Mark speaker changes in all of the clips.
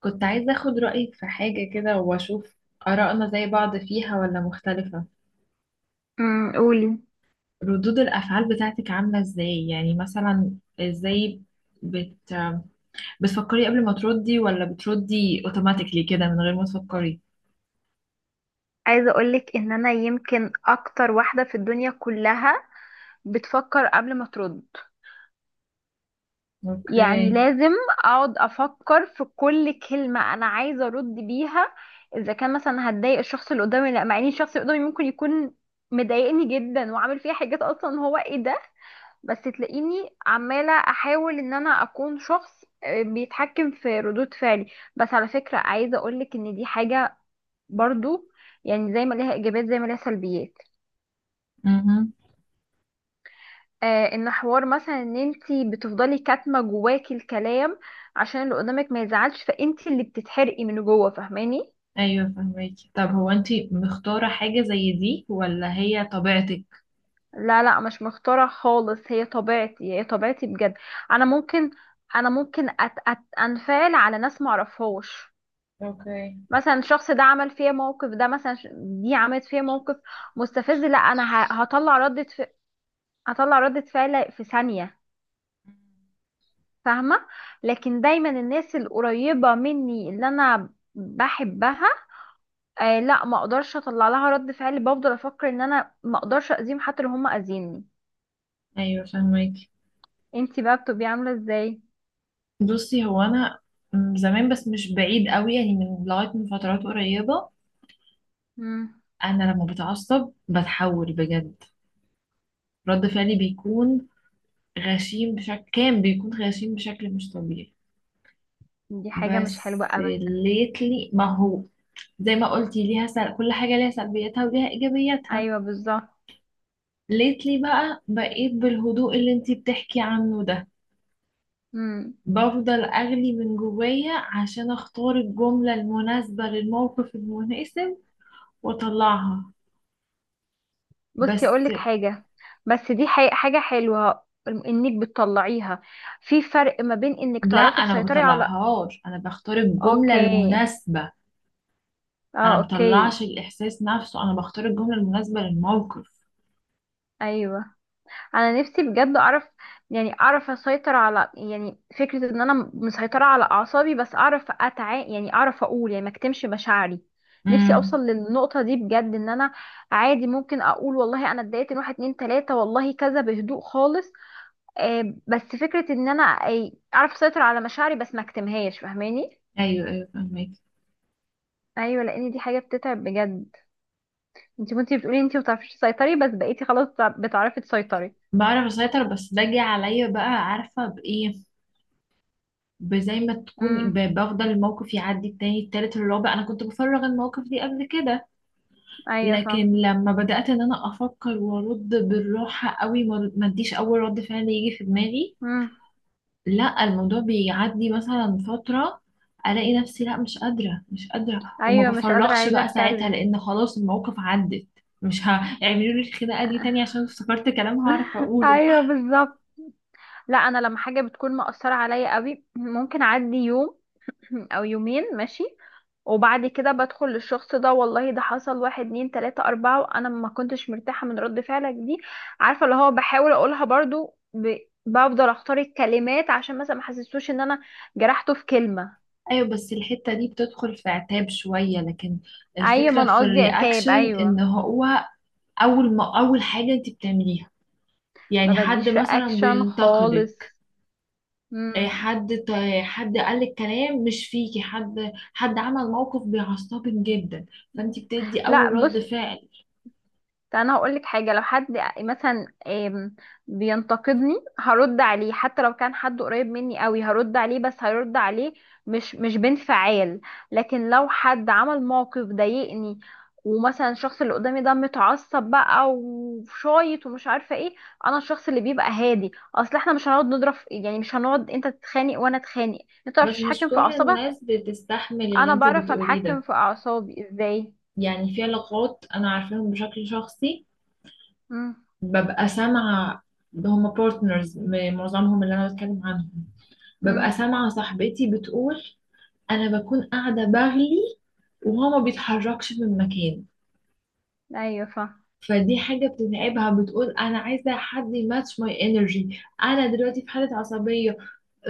Speaker 1: كنت عايزة أخد رأيك في حاجة كده وأشوف آرائنا زي بعض فيها ولا مختلفة.
Speaker 2: قولي.
Speaker 1: ردود الأفعال بتاعتك عاملة إزاي؟ يعني مثلا إزاي؟ بت... بتفكري قبل ما تردي ولا بتردي أوتوماتيكلي كده من غير ما تفكري؟
Speaker 2: عايزه اقولك ان انا يمكن اكتر واحده في الدنيا كلها بتفكر قبل ما ترد، يعني
Speaker 1: أوكي.
Speaker 2: لازم اقعد افكر في كل كلمه انا عايزه ارد بيها، اذا كان مثلا هتضايق الشخص اللي قدامي ولا لا، مع ان الشخص اللي قدامي ممكن يكون مضايقني جدا وعامل فيها حاجات اصلا. هو ايه ده؟ بس تلاقيني عماله احاول ان انا اكون شخص بيتحكم في ردود فعلي. بس على فكره عايزه اقولك ان دي حاجه برضو، يعني زي ما ليها ايجابيات زي ما ليها سلبيات.
Speaker 1: امم
Speaker 2: ان حوار مثلا ان انتي بتفضلي كاتمه جواكي الكلام عشان اللي قدامك ما يزعلش، فانتي اللي بتتحرقي من جوه، فاهماني؟
Speaker 1: أيوة فهميكي. طب هو أنتي مختارة حاجة زي دي ولا هي طبيعتك؟
Speaker 2: لا لا، مش مختاره خالص، هي طبيعتي هي طبيعتي بجد. انا ممكن انا ممكن أت أت انفعل على ناس ما اعرفهاش،
Speaker 1: اوكي.
Speaker 2: مثلا الشخص ده عمل فيا موقف، ده مثلا دي عملت فيا موقف مستفز، لا انا هطلع ردة فعل في ثانية، فاهمة؟ لكن دايما الناس القريبة مني اللي انا بحبها، لا، ما اقدرش اطلع لها رد فعل، بفضل افكر ان انا ما اقدرش اذيهم حتى لو هم اذيني.
Speaker 1: ايوه فهماكي.
Speaker 2: انتي بقى بتبقي عامله ازاي؟
Speaker 1: بصي، هو انا زمان، بس مش بعيد قوي يعني، من لغايه من فترات قريبه
Speaker 2: امم.
Speaker 1: انا لما بتعصب بتحول بجد. رد فعلي بيكون غشيم بشكل كان بيكون غشيم بشكل مش طبيعي.
Speaker 2: دي حاجه مش حلوه
Speaker 1: بس
Speaker 2: ابدا.
Speaker 1: ليتلي، ما هو زي ما قلتي ليها كل حاجة ليها سلبياتها وليها ايجابياتها.
Speaker 2: ايوه بالظبط.
Speaker 1: ليتلي بقى بقيت بالهدوء اللي انتي بتحكي عنه ده،
Speaker 2: امم.
Speaker 1: بفضل اغلي من جوايا عشان اختار الجملة المناسبة للموقف المناسب واطلعها.
Speaker 2: بصي
Speaker 1: بس
Speaker 2: اقول لك حاجه، بس دي حاجه حلوه انك بتطلعيها. في فرق ما بين انك
Speaker 1: لا،
Speaker 2: تعرفي
Speaker 1: انا ما
Speaker 2: تسيطري على...
Speaker 1: بطلعهاش، انا بختار الجملة
Speaker 2: اوكي.
Speaker 1: المناسبة. انا
Speaker 2: اه، اوكي.
Speaker 1: مطلعش الاحساس نفسه، انا بختار الجمله المناسبه للموقف.
Speaker 2: ايوه. انا نفسي بجد اعرف، يعني اعرف اسيطر على، يعني فكرة ان انا مسيطرة على اعصابي، بس اعرف يعني اعرف اقول، يعني ما اكتمش مشاعري. نفسي
Speaker 1: امم.
Speaker 2: اوصل للنقطة دي بجد، ان انا عادي ممكن اقول والله انا اتضايقت من واحد اتنين تلاتة والله كذا بهدوء خالص. بس فكرة ان انا اعرف اسيطر على مشاعري بس ما اكتمهاش، فاهماني؟
Speaker 1: ايوه ايوه فهمك.
Speaker 2: ايوه، لان دي حاجة بتتعب بجد. انت كنتي بتقولي انت ما بتعرفيش تسيطري، بس بقيتي خلاص بتعرفي تسيطري.
Speaker 1: بعرف اسيطر، بس باجي عليا بقى، عارفه بايه؟ بزي ما تكوني
Speaker 2: امم.
Speaker 1: بفضل الموقف يعدي التاني التالت الرابع. انا كنت بفرغ المواقف دي قبل كده،
Speaker 2: ايوه،
Speaker 1: لكن لما بدات ان انا افكر وارد بالراحه قوي، ما اديش اول رد فعل يجي في دماغي.
Speaker 2: فاهم.
Speaker 1: لا، الموضوع بيعدي مثلا فترة، الاقي نفسي لا مش قادرة، مش قادرة، وما
Speaker 2: ايوه، مش قادره
Speaker 1: بفرغش
Speaker 2: عايزه
Speaker 1: بقى ساعتها،
Speaker 2: اتكلم.
Speaker 1: لان خلاص المواقف عدت. مش هيعملوا لي الخناقة دي تاني عشان افتكرت كلام هعرف اقوله.
Speaker 2: ايوه بالظبط. لا، انا لما حاجه بتكون مأثره عليا قوي ممكن اعدي يوم او يومين ماشي، وبعد كده بدخل للشخص ده والله ده حصل واحد اتنين تلاتة أربعة وأنا ما كنتش مرتاحة من رد فعلك دي، عارفة؟ اللي هو بحاول أقولها برضو، بفضل أختار الكلمات عشان مثلا ما حسسوش إن أنا جرحته في كلمة.
Speaker 1: ايوه، بس الحتة دي بتدخل في عتاب شوية، لكن
Speaker 2: أيوة، ما
Speaker 1: الفكرة
Speaker 2: أنا
Speaker 1: في
Speaker 2: قصدي عتاب،
Speaker 1: الرياكشن ان
Speaker 2: أيوة.
Speaker 1: هو اول ما اول حاجة انت بتعمليها.
Speaker 2: ما
Speaker 1: يعني حد
Speaker 2: بديش
Speaker 1: مثلا
Speaker 2: رياكشن
Speaker 1: بينتقدك،
Speaker 2: خالص. مم.
Speaker 1: حد قال الكلام مش فيكي، حد عمل موقف بيعصبك جدا، فانت بتدي
Speaker 2: لا
Speaker 1: اول رد
Speaker 2: بص،
Speaker 1: فعل.
Speaker 2: طب انا هقول لك حاجه، لو حد مثلا بينتقدني هرد عليه، حتى لو كان حد قريب مني قوي هرد عليه، بس هرد عليه مش بانفعال. لكن لو حد عمل موقف ضايقني، ومثلا الشخص اللي قدامي ده متعصب بقى وشايط ومش عارفه ايه، انا الشخص اللي بيبقى هادي، اصل احنا مش هنقعد نضرب يعني مش هنقعد انت تتخانق وانا اتخانق. انت متعرفش
Speaker 1: بس مش
Speaker 2: تتحكم في
Speaker 1: كل
Speaker 2: اعصابك،
Speaker 1: الناس بتستحمل اللي
Speaker 2: انا
Speaker 1: انت
Speaker 2: بعرف
Speaker 1: بتقوليه
Speaker 2: اتحكم
Speaker 1: ده،
Speaker 2: في اعصابي ازاي.
Speaker 1: يعني في علاقات انا عارفاهم بشكل شخصي،
Speaker 2: امم
Speaker 1: ببقى سامعه. ده هما بارتنرز معظمهم اللي انا بتكلم عنهم. ببقى
Speaker 2: امم.
Speaker 1: سامعه صاحبتي بتقول، انا بكون قاعده بغلي وهو ما بيتحركش من مكانه.
Speaker 2: ايوه،
Speaker 1: فدي حاجة بتتعبها. بتقول أنا عايزة حد يماتش ماي انرجي، أنا دلوقتي في حالة عصبية،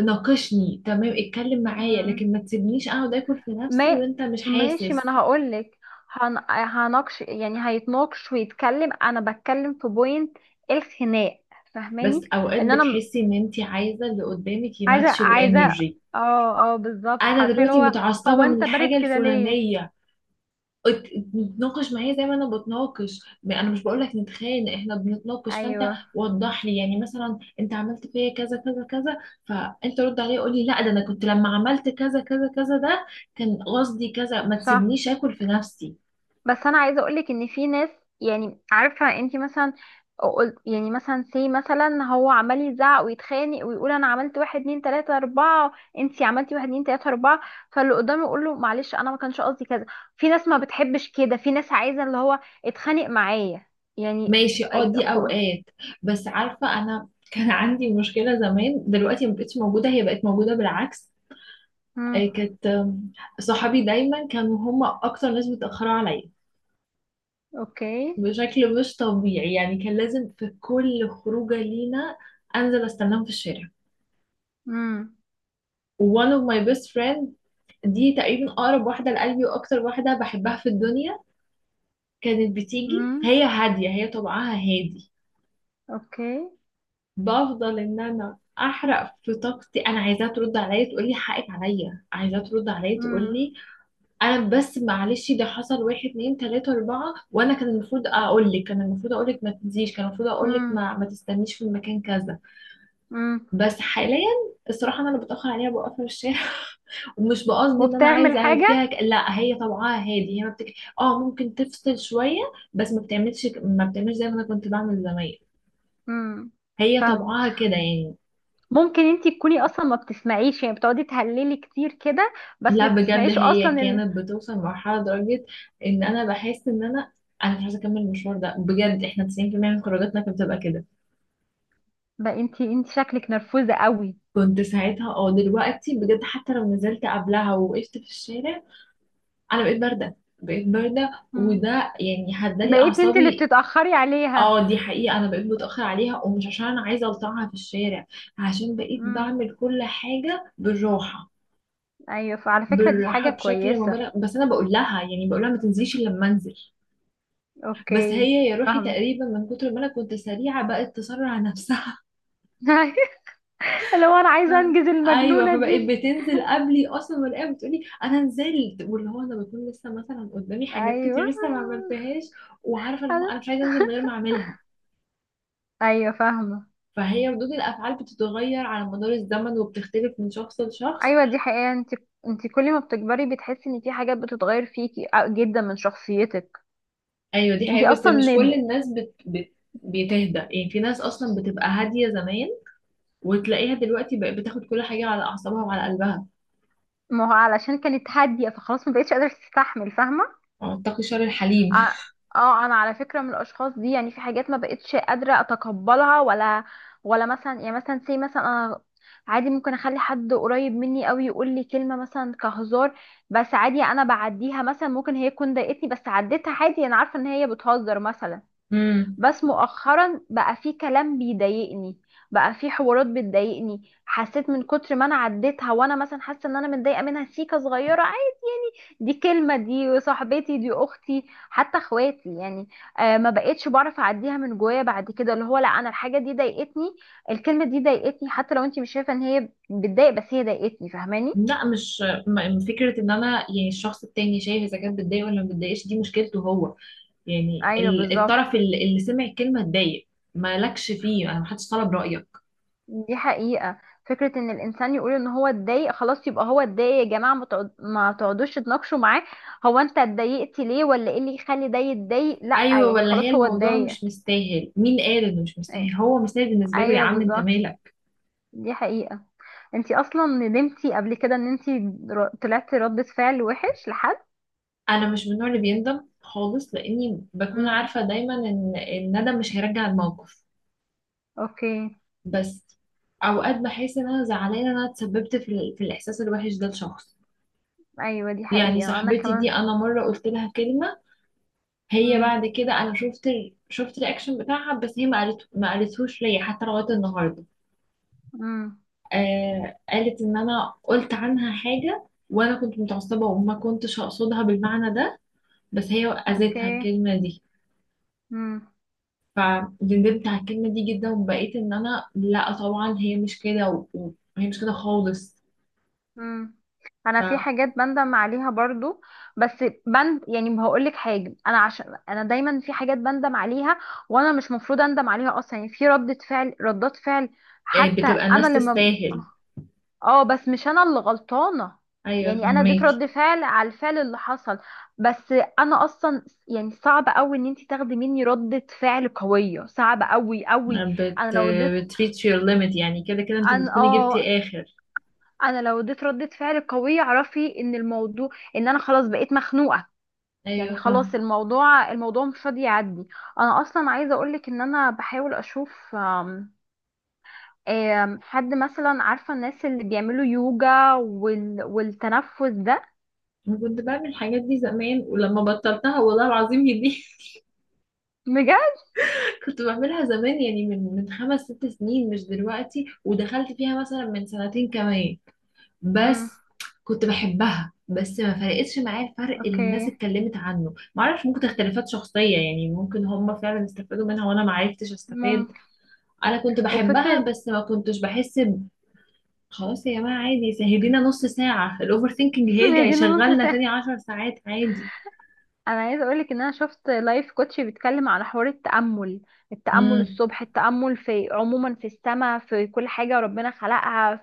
Speaker 1: ناقشني تمام، اتكلم معايا،
Speaker 2: فاهم.
Speaker 1: لكن ما تسيبنيش أقعد آكل في نفسي
Speaker 2: ما
Speaker 1: وأنت مش
Speaker 2: ماشي، ما
Speaker 1: حاسس.
Speaker 2: انا هقول لك، هنقش، يعني هيتناقش ويتكلم، انا بتكلم في بوينت الخناق،
Speaker 1: بس
Speaker 2: فاهماني؟
Speaker 1: أوقات
Speaker 2: ان انا
Speaker 1: بتحسي إن أنت عايزة اللي قدامك
Speaker 2: عايزه
Speaker 1: يماتش
Speaker 2: عايزه
Speaker 1: الانرجي،
Speaker 2: اه اه بالظبط،
Speaker 1: أنا
Speaker 2: عارفين
Speaker 1: دلوقتي
Speaker 2: هو، هو
Speaker 1: متعصبة من
Speaker 2: انت بارد
Speaker 1: الحاجة
Speaker 2: كده ليه؟
Speaker 1: الفلانية، نتناقش معايا زي ما انا بتناقش، ما انا مش بقول لك نتخانق، احنا بنتناقش. فانت
Speaker 2: ايوه
Speaker 1: وضح لي يعني، مثلا انت عملت فيا كذا كذا كذا، فانت رد عليا قول لي لا، ده انا كنت لما عملت كذا كذا كذا ده كان قصدي كذا، ما
Speaker 2: صح.
Speaker 1: تسيبنيش اكل في نفسي.
Speaker 2: بس انا عايزه اقولك ان في ناس، يعني عارفه انت مثلا قلت يعني مثلا سي مثلا، هو عمال يزعق ويتخانق ويقول انا عملت واحد اتنين تلاته اربعه، انت عملتي واحد اتنين تلاته اربعه، فاللي قدامه يقول له معلش انا ما كانش قصدي كذا. في ناس ما بتحبش كده، في ناس عايزه اللي هو اتخانق معايا يعني.
Speaker 1: ماشي اه.
Speaker 2: أي-
Speaker 1: دي
Speaker 2: خو
Speaker 1: اوقات بس، عارفه انا كان عندي مشكله زمان، دلوقتي ما بقتش موجوده، هي بقت موجوده بالعكس.
Speaker 2: امم،
Speaker 1: كانت صحابي دايما كانوا هم اكتر ناس بيتاخروا عليا
Speaker 2: اوكي،
Speaker 1: بشكل مش طبيعي، يعني كان لازم في كل خروجة لينا أنزل أستناهم في الشارع.
Speaker 2: امم،
Speaker 1: one of my best friend، دي تقريبا أقرب واحدة لقلبي وأكتر واحدة بحبها في الدنيا، كانت بتيجي،
Speaker 2: امم،
Speaker 1: هي هادية، هي طبعها هادي،
Speaker 2: اوكي،
Speaker 1: بفضل إن أنا أحرق في طاقتي. أنا عايزاها ترد عليا تقول لي حقك عليا، عايزاها ترد عليا تقول
Speaker 2: امم،
Speaker 1: لي أنا بس معلش ده حصل واحد اتنين تلاتة أربعة، وأنا كان المفروض أقول لك، كان المفروض أقول لك ما تنزيش، كان المفروض أقول لك
Speaker 2: امم،
Speaker 1: ما تستنيش في المكان كذا.
Speaker 2: امم.
Speaker 1: بس حاليا الصراحة أنا اللي بتأخر عليها بوقفها في الشارع ومش بقصد إن أنا
Speaker 2: وبتعمل
Speaker 1: عايزة أعمل
Speaker 2: حاجه؟
Speaker 1: فيها لا، هي طبعها هادي، هي ما بتك... آه ممكن تفصل شوية، بس ما بتعملش ما بتعملش زي ما أنا كنت بعمل زمان.
Speaker 2: امم،
Speaker 1: هي
Speaker 2: فاهم.
Speaker 1: طبعها كده يعني.
Speaker 2: ممكن انتي تكوني اصلا ما بتسمعيش، يعني بتقعدي تهللي كتير كده بس
Speaker 1: لا
Speaker 2: ما
Speaker 1: بجد
Speaker 2: بتسمعيش اصلا
Speaker 1: هي
Speaker 2: ان...
Speaker 1: كانت بتوصل لمرحلة درجة إن أنا بحس إن أنا مش عايزة أكمل المشوار ده بجد. إحنا 90% من خروجاتنا كانت بتبقى كده.
Speaker 2: بقى انتي شكلك نرفوزة قوي.
Speaker 1: كنت ساعتها اه، دلوقتي بجد حتى لو نزلت قبلها ووقفت في الشارع انا بقيت بارده، بقيت بارده،
Speaker 2: مم.
Speaker 1: وده يعني هدالي
Speaker 2: بقيت انتي اللي
Speaker 1: اعصابي.
Speaker 2: بتتأخري عليها.
Speaker 1: اه دي حقيقه، انا بقيت متاخر عليها، ومش عشان انا عايزه الطعها في الشارع، عشان بقيت
Speaker 2: مم.
Speaker 1: بعمل كل حاجه بالراحه.
Speaker 2: ايوه، فعلى فكرة دي
Speaker 1: بالراحه
Speaker 2: حاجة
Speaker 1: بشكل
Speaker 2: كويسة.
Speaker 1: مبالغ، بس انا بقول لها يعني بقول لها ما تنزليش الا لما انزل. بس
Speaker 2: اوكي،
Speaker 1: هي يا روحي
Speaker 2: فاهم.
Speaker 1: تقريبا من كتر ما انا كنت سريعه بقت تسرع نفسها.
Speaker 2: لو انا عايزة انجز
Speaker 1: ايوه
Speaker 2: المجنونة
Speaker 1: فبقيت
Speaker 2: دي.
Speaker 1: بتنزل قبلي اصلا، والاقيها بتقولي انا نزلت، واللي هو انا بكون لسه مثلا قدامي حاجات
Speaker 2: ايوه
Speaker 1: كتير لسه ما عملتهاش، وعارفه اللي هو
Speaker 2: انا.
Speaker 1: انا مش عايزه انزل من غير ما اعملها.
Speaker 2: ايوه، فاهمة.
Speaker 1: فهي ردود الافعال بتتغير على مدار الزمن وبتختلف من شخص لشخص.
Speaker 2: ايوه دي حقيقة، انتي كل ما بتكبري بتحسي ان في حاجات بتتغير فيكي، جدا من شخصيتك.
Speaker 1: ايوه دي
Speaker 2: انتي
Speaker 1: حقيقه، بس
Speaker 2: اصلا...
Speaker 1: مش كل الناس بتهدى يعني. في ناس اصلا بتبقى هاديه زمان وتلاقيها دلوقتي بقت بتاخد كل حاجه على اعصابها وعلى قلبها.
Speaker 2: ما هو علشان كانت هادية فخلاص ما بقتش قادرة تستحمل، فاهمة؟
Speaker 1: اتقي شر الحليم.
Speaker 2: ع- اه، انا على فكرة من الاشخاص دي، يعني في حاجات ما بقتش قادرة اتقبلها، ولا مثلا، يعني مثلا سي مثلا انا عادي ممكن اخلي حد قريب مني قوي يقول لي كلمة مثلا كهزار، بس عادي انا بعديها، مثلا ممكن هي تكون ضايقتني بس عديتها عادي، انا عارفة ان هي بتهزر مثلا.
Speaker 1: امم.
Speaker 2: بس مؤخرا بقى في كلام بيضايقني، بقى في حوارات بتضايقني، حسيت من كتر ما انا عديتها وانا مثلا حاسه ان انا متضايقه منها سيكه صغيره، دي كلمة دي صاحبتي دي أختي حتى اخواتي يعني. ما بقتش بعرف أعديها من جوايا بعد كده، اللي هو لا، أنا الحاجة دي ضايقتني، الكلمة دي ضايقتني، حتى لو أنت مش شايفة إن هي بتضايق بس هي ضايقتني، فاهماني؟
Speaker 1: لا مش فكرة ان انا يعني الشخص التاني شايف اذا كانت بتضايق ولا ما بتضايقش، دي مشكلته هو. يعني
Speaker 2: أيوه بالظبط،
Speaker 1: الطرف اللي سمع الكلمة اتضايق، مالكش فيه، انا محدش طلب رأيك.
Speaker 2: دي حقيقة. فكرة إن الإنسان يقول إن هو اتضايق خلاص يبقى هو اتضايق يا جماعة، ما تقعدوش تناقشوا معاه، هو أنت اتضايقت ليه ولا إيه اللي يخلي ده يتضايق؟ لأ،
Speaker 1: ايوه،
Speaker 2: يعني
Speaker 1: ولا هي
Speaker 2: خلاص هو
Speaker 1: الموضوع
Speaker 2: اتضايق.
Speaker 1: مش مستاهل، مين قال انه مش مستاهل؟
Speaker 2: أيوه،
Speaker 1: هو مستاهل بالنسبة له، يا
Speaker 2: أيوة
Speaker 1: عم انت
Speaker 2: بالظبط،
Speaker 1: مالك.
Speaker 2: دي حقيقة. انتي اصلا ندمتي قبل كده ان انتي طلعتي ردة فعل وحش لحد؟
Speaker 1: انا مش من النوع اللي بيندم خالص، لاني بكون
Speaker 2: امم،
Speaker 1: عارفة دايما ان الندم مش هيرجع الموقف.
Speaker 2: اوكي.
Speaker 1: بس اوقات بحس ان انا زعلانة ان انا اتسببت في الاحساس الوحش ده لشخص.
Speaker 2: ايوه دي
Speaker 1: يعني
Speaker 2: حقيقة، انا
Speaker 1: صاحبتي
Speaker 2: كمان.
Speaker 1: دي انا مرة قلت لها كلمة، هي
Speaker 2: امم،
Speaker 1: بعد كده انا شفت شفت الرياكشن بتاعها، بس هي ما قالتهوش ليا حتى لغايه النهارده.
Speaker 2: امم،
Speaker 1: آه قالت ان انا قلت عنها حاجه وانا كنت متعصبه وما كنتش اقصدها بالمعنى ده، بس هي اذتها
Speaker 2: اوكي،
Speaker 1: الكلمه دي،
Speaker 2: امم،
Speaker 1: فندمت على الكلمه دي جدا، وبقيت ان انا لا طبعا هي مش كده وهي مش كده خالص.
Speaker 2: امم.
Speaker 1: ف
Speaker 2: انا في
Speaker 1: آه،
Speaker 2: حاجات بندم عليها برضو، بس يعني هقول لك حاجه، انا عشان انا دايما في حاجات بندم عليها وانا مش مفروض اندم عليها اصلا، يعني في ردة فعل ردات فعل، حتى
Speaker 1: بتبقى
Speaker 2: انا
Speaker 1: الناس
Speaker 2: لما...
Speaker 1: تستاهل.
Speaker 2: اه، بس مش انا اللي غلطانه،
Speaker 1: ايوه
Speaker 2: يعني انا اديت
Speaker 1: فهميكي.
Speaker 2: رد فعل على الفعل اللي حصل، بس انا اصلا يعني صعب قوي ان انت تاخدي مني ردة فعل قويه، صعب قوي قوي. انا
Speaker 1: بت
Speaker 2: لو اديت...
Speaker 1: بتريتش يور ليميت، يعني كده كده انت
Speaker 2: انا
Speaker 1: بتكوني
Speaker 2: اه.
Speaker 1: جبتي اخر.
Speaker 2: انا لو اديت ردة فعل قويه اعرفي ان الموضوع، ان انا خلاص بقيت مخنوقه، يعني
Speaker 1: ايوه.
Speaker 2: خلاص الموضوع مش راضي يعدي. انا اصلا عايزه اقولك ان انا بحاول اشوف آم، آم، حد مثلا، عارفه الناس اللي بيعملوا يوجا والتنفس ده.
Speaker 1: أنا كنت بعمل الحاجات دي زمان، ولما بطلتها والله العظيم هي دي
Speaker 2: بجد.
Speaker 1: كنت بعملها زمان، يعني من 5 6 سنين، مش دلوقتي، ودخلت فيها مثلا من سنتين كمان.
Speaker 2: امم،
Speaker 1: بس كنت بحبها، بس ما فرقتش معايا الفرق اللي الناس
Speaker 2: اوكي،
Speaker 1: اتكلمت عنه. ما اعرفش، ممكن اختلافات شخصية يعني، ممكن هم فعلا استفادوا منها وانا ما عرفتش استفاد.
Speaker 2: ممكن.
Speaker 1: انا كنت بحبها
Speaker 2: وفكرة.
Speaker 1: بس ما كنتش بحس خلاص يا جماعة عادي، سهدينا نص ساعة الاوفر ثينكينج هيرجع
Speaker 2: هي دي نص
Speaker 1: يشغلنا
Speaker 2: ساعة.
Speaker 1: تاني 10 ساعات.
Speaker 2: انا عايزة اقولك ان انا شفت لايف كوتش بيتكلم على حوار التأمل، التأمل
Speaker 1: عادي،
Speaker 2: الصبح، التأمل في عموما، في السماء، في كل حاجة ربنا خلقها،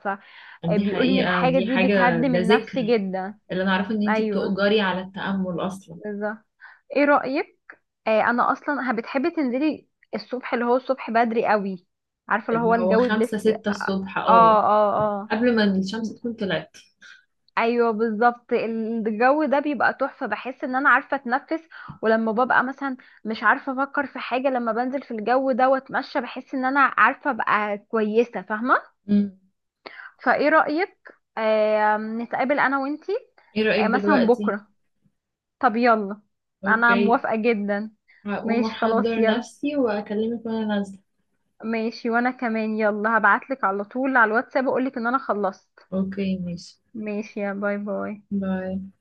Speaker 1: دي
Speaker 2: فبيقول ان
Speaker 1: حقيقة،
Speaker 2: الحاجة
Speaker 1: دي
Speaker 2: دي
Speaker 1: حاجة،
Speaker 2: بتهدم
Speaker 1: ده
Speaker 2: النفس
Speaker 1: ذكر.
Speaker 2: جدا.
Speaker 1: اللي أنا أعرفه إن أنتي
Speaker 2: ايوه
Speaker 1: بتؤجري على التأمل أصلا.
Speaker 2: بالظبط. ايه رأيك؟ انا اصلا بتحبي تنزلي الصبح، اللي هو الصبح بدري قوي، عارفة اللي
Speaker 1: اللي
Speaker 2: هو
Speaker 1: هو
Speaker 2: الجو
Speaker 1: خمسة
Speaker 2: بلس. اه
Speaker 1: ستة الصبح اه،
Speaker 2: اه اه.
Speaker 1: قبل ما الشمس تكون طلعت.
Speaker 2: ايوه بالظبط، الجو ده بيبقى تحفه، بحس ان انا عارفه اتنفس، ولما ببقى مثلا مش عارفه افكر في حاجه لما بنزل في الجو ده واتمشى بحس ان انا عارفه ابقى كويسه، فاهمه؟
Speaker 1: مم.
Speaker 2: فايه رايك نتقابل انا وانتي
Speaker 1: ايه رأيك
Speaker 2: مثلا
Speaker 1: دلوقتي؟
Speaker 2: بكره؟ طب يلا، انا
Speaker 1: اوكي.
Speaker 2: موافقه جدا.
Speaker 1: هقوم
Speaker 2: ماشي خلاص
Speaker 1: أحضر
Speaker 2: يلا.
Speaker 1: نفسي وأكلمك وأنا نازلة.
Speaker 2: ماشي، وانا كمان يلا هبعتلك على طول على الواتساب اقولك ان انا خلصت.
Speaker 1: اوكي ماشي.
Speaker 2: ماشي، يا باي باي.
Speaker 1: باي.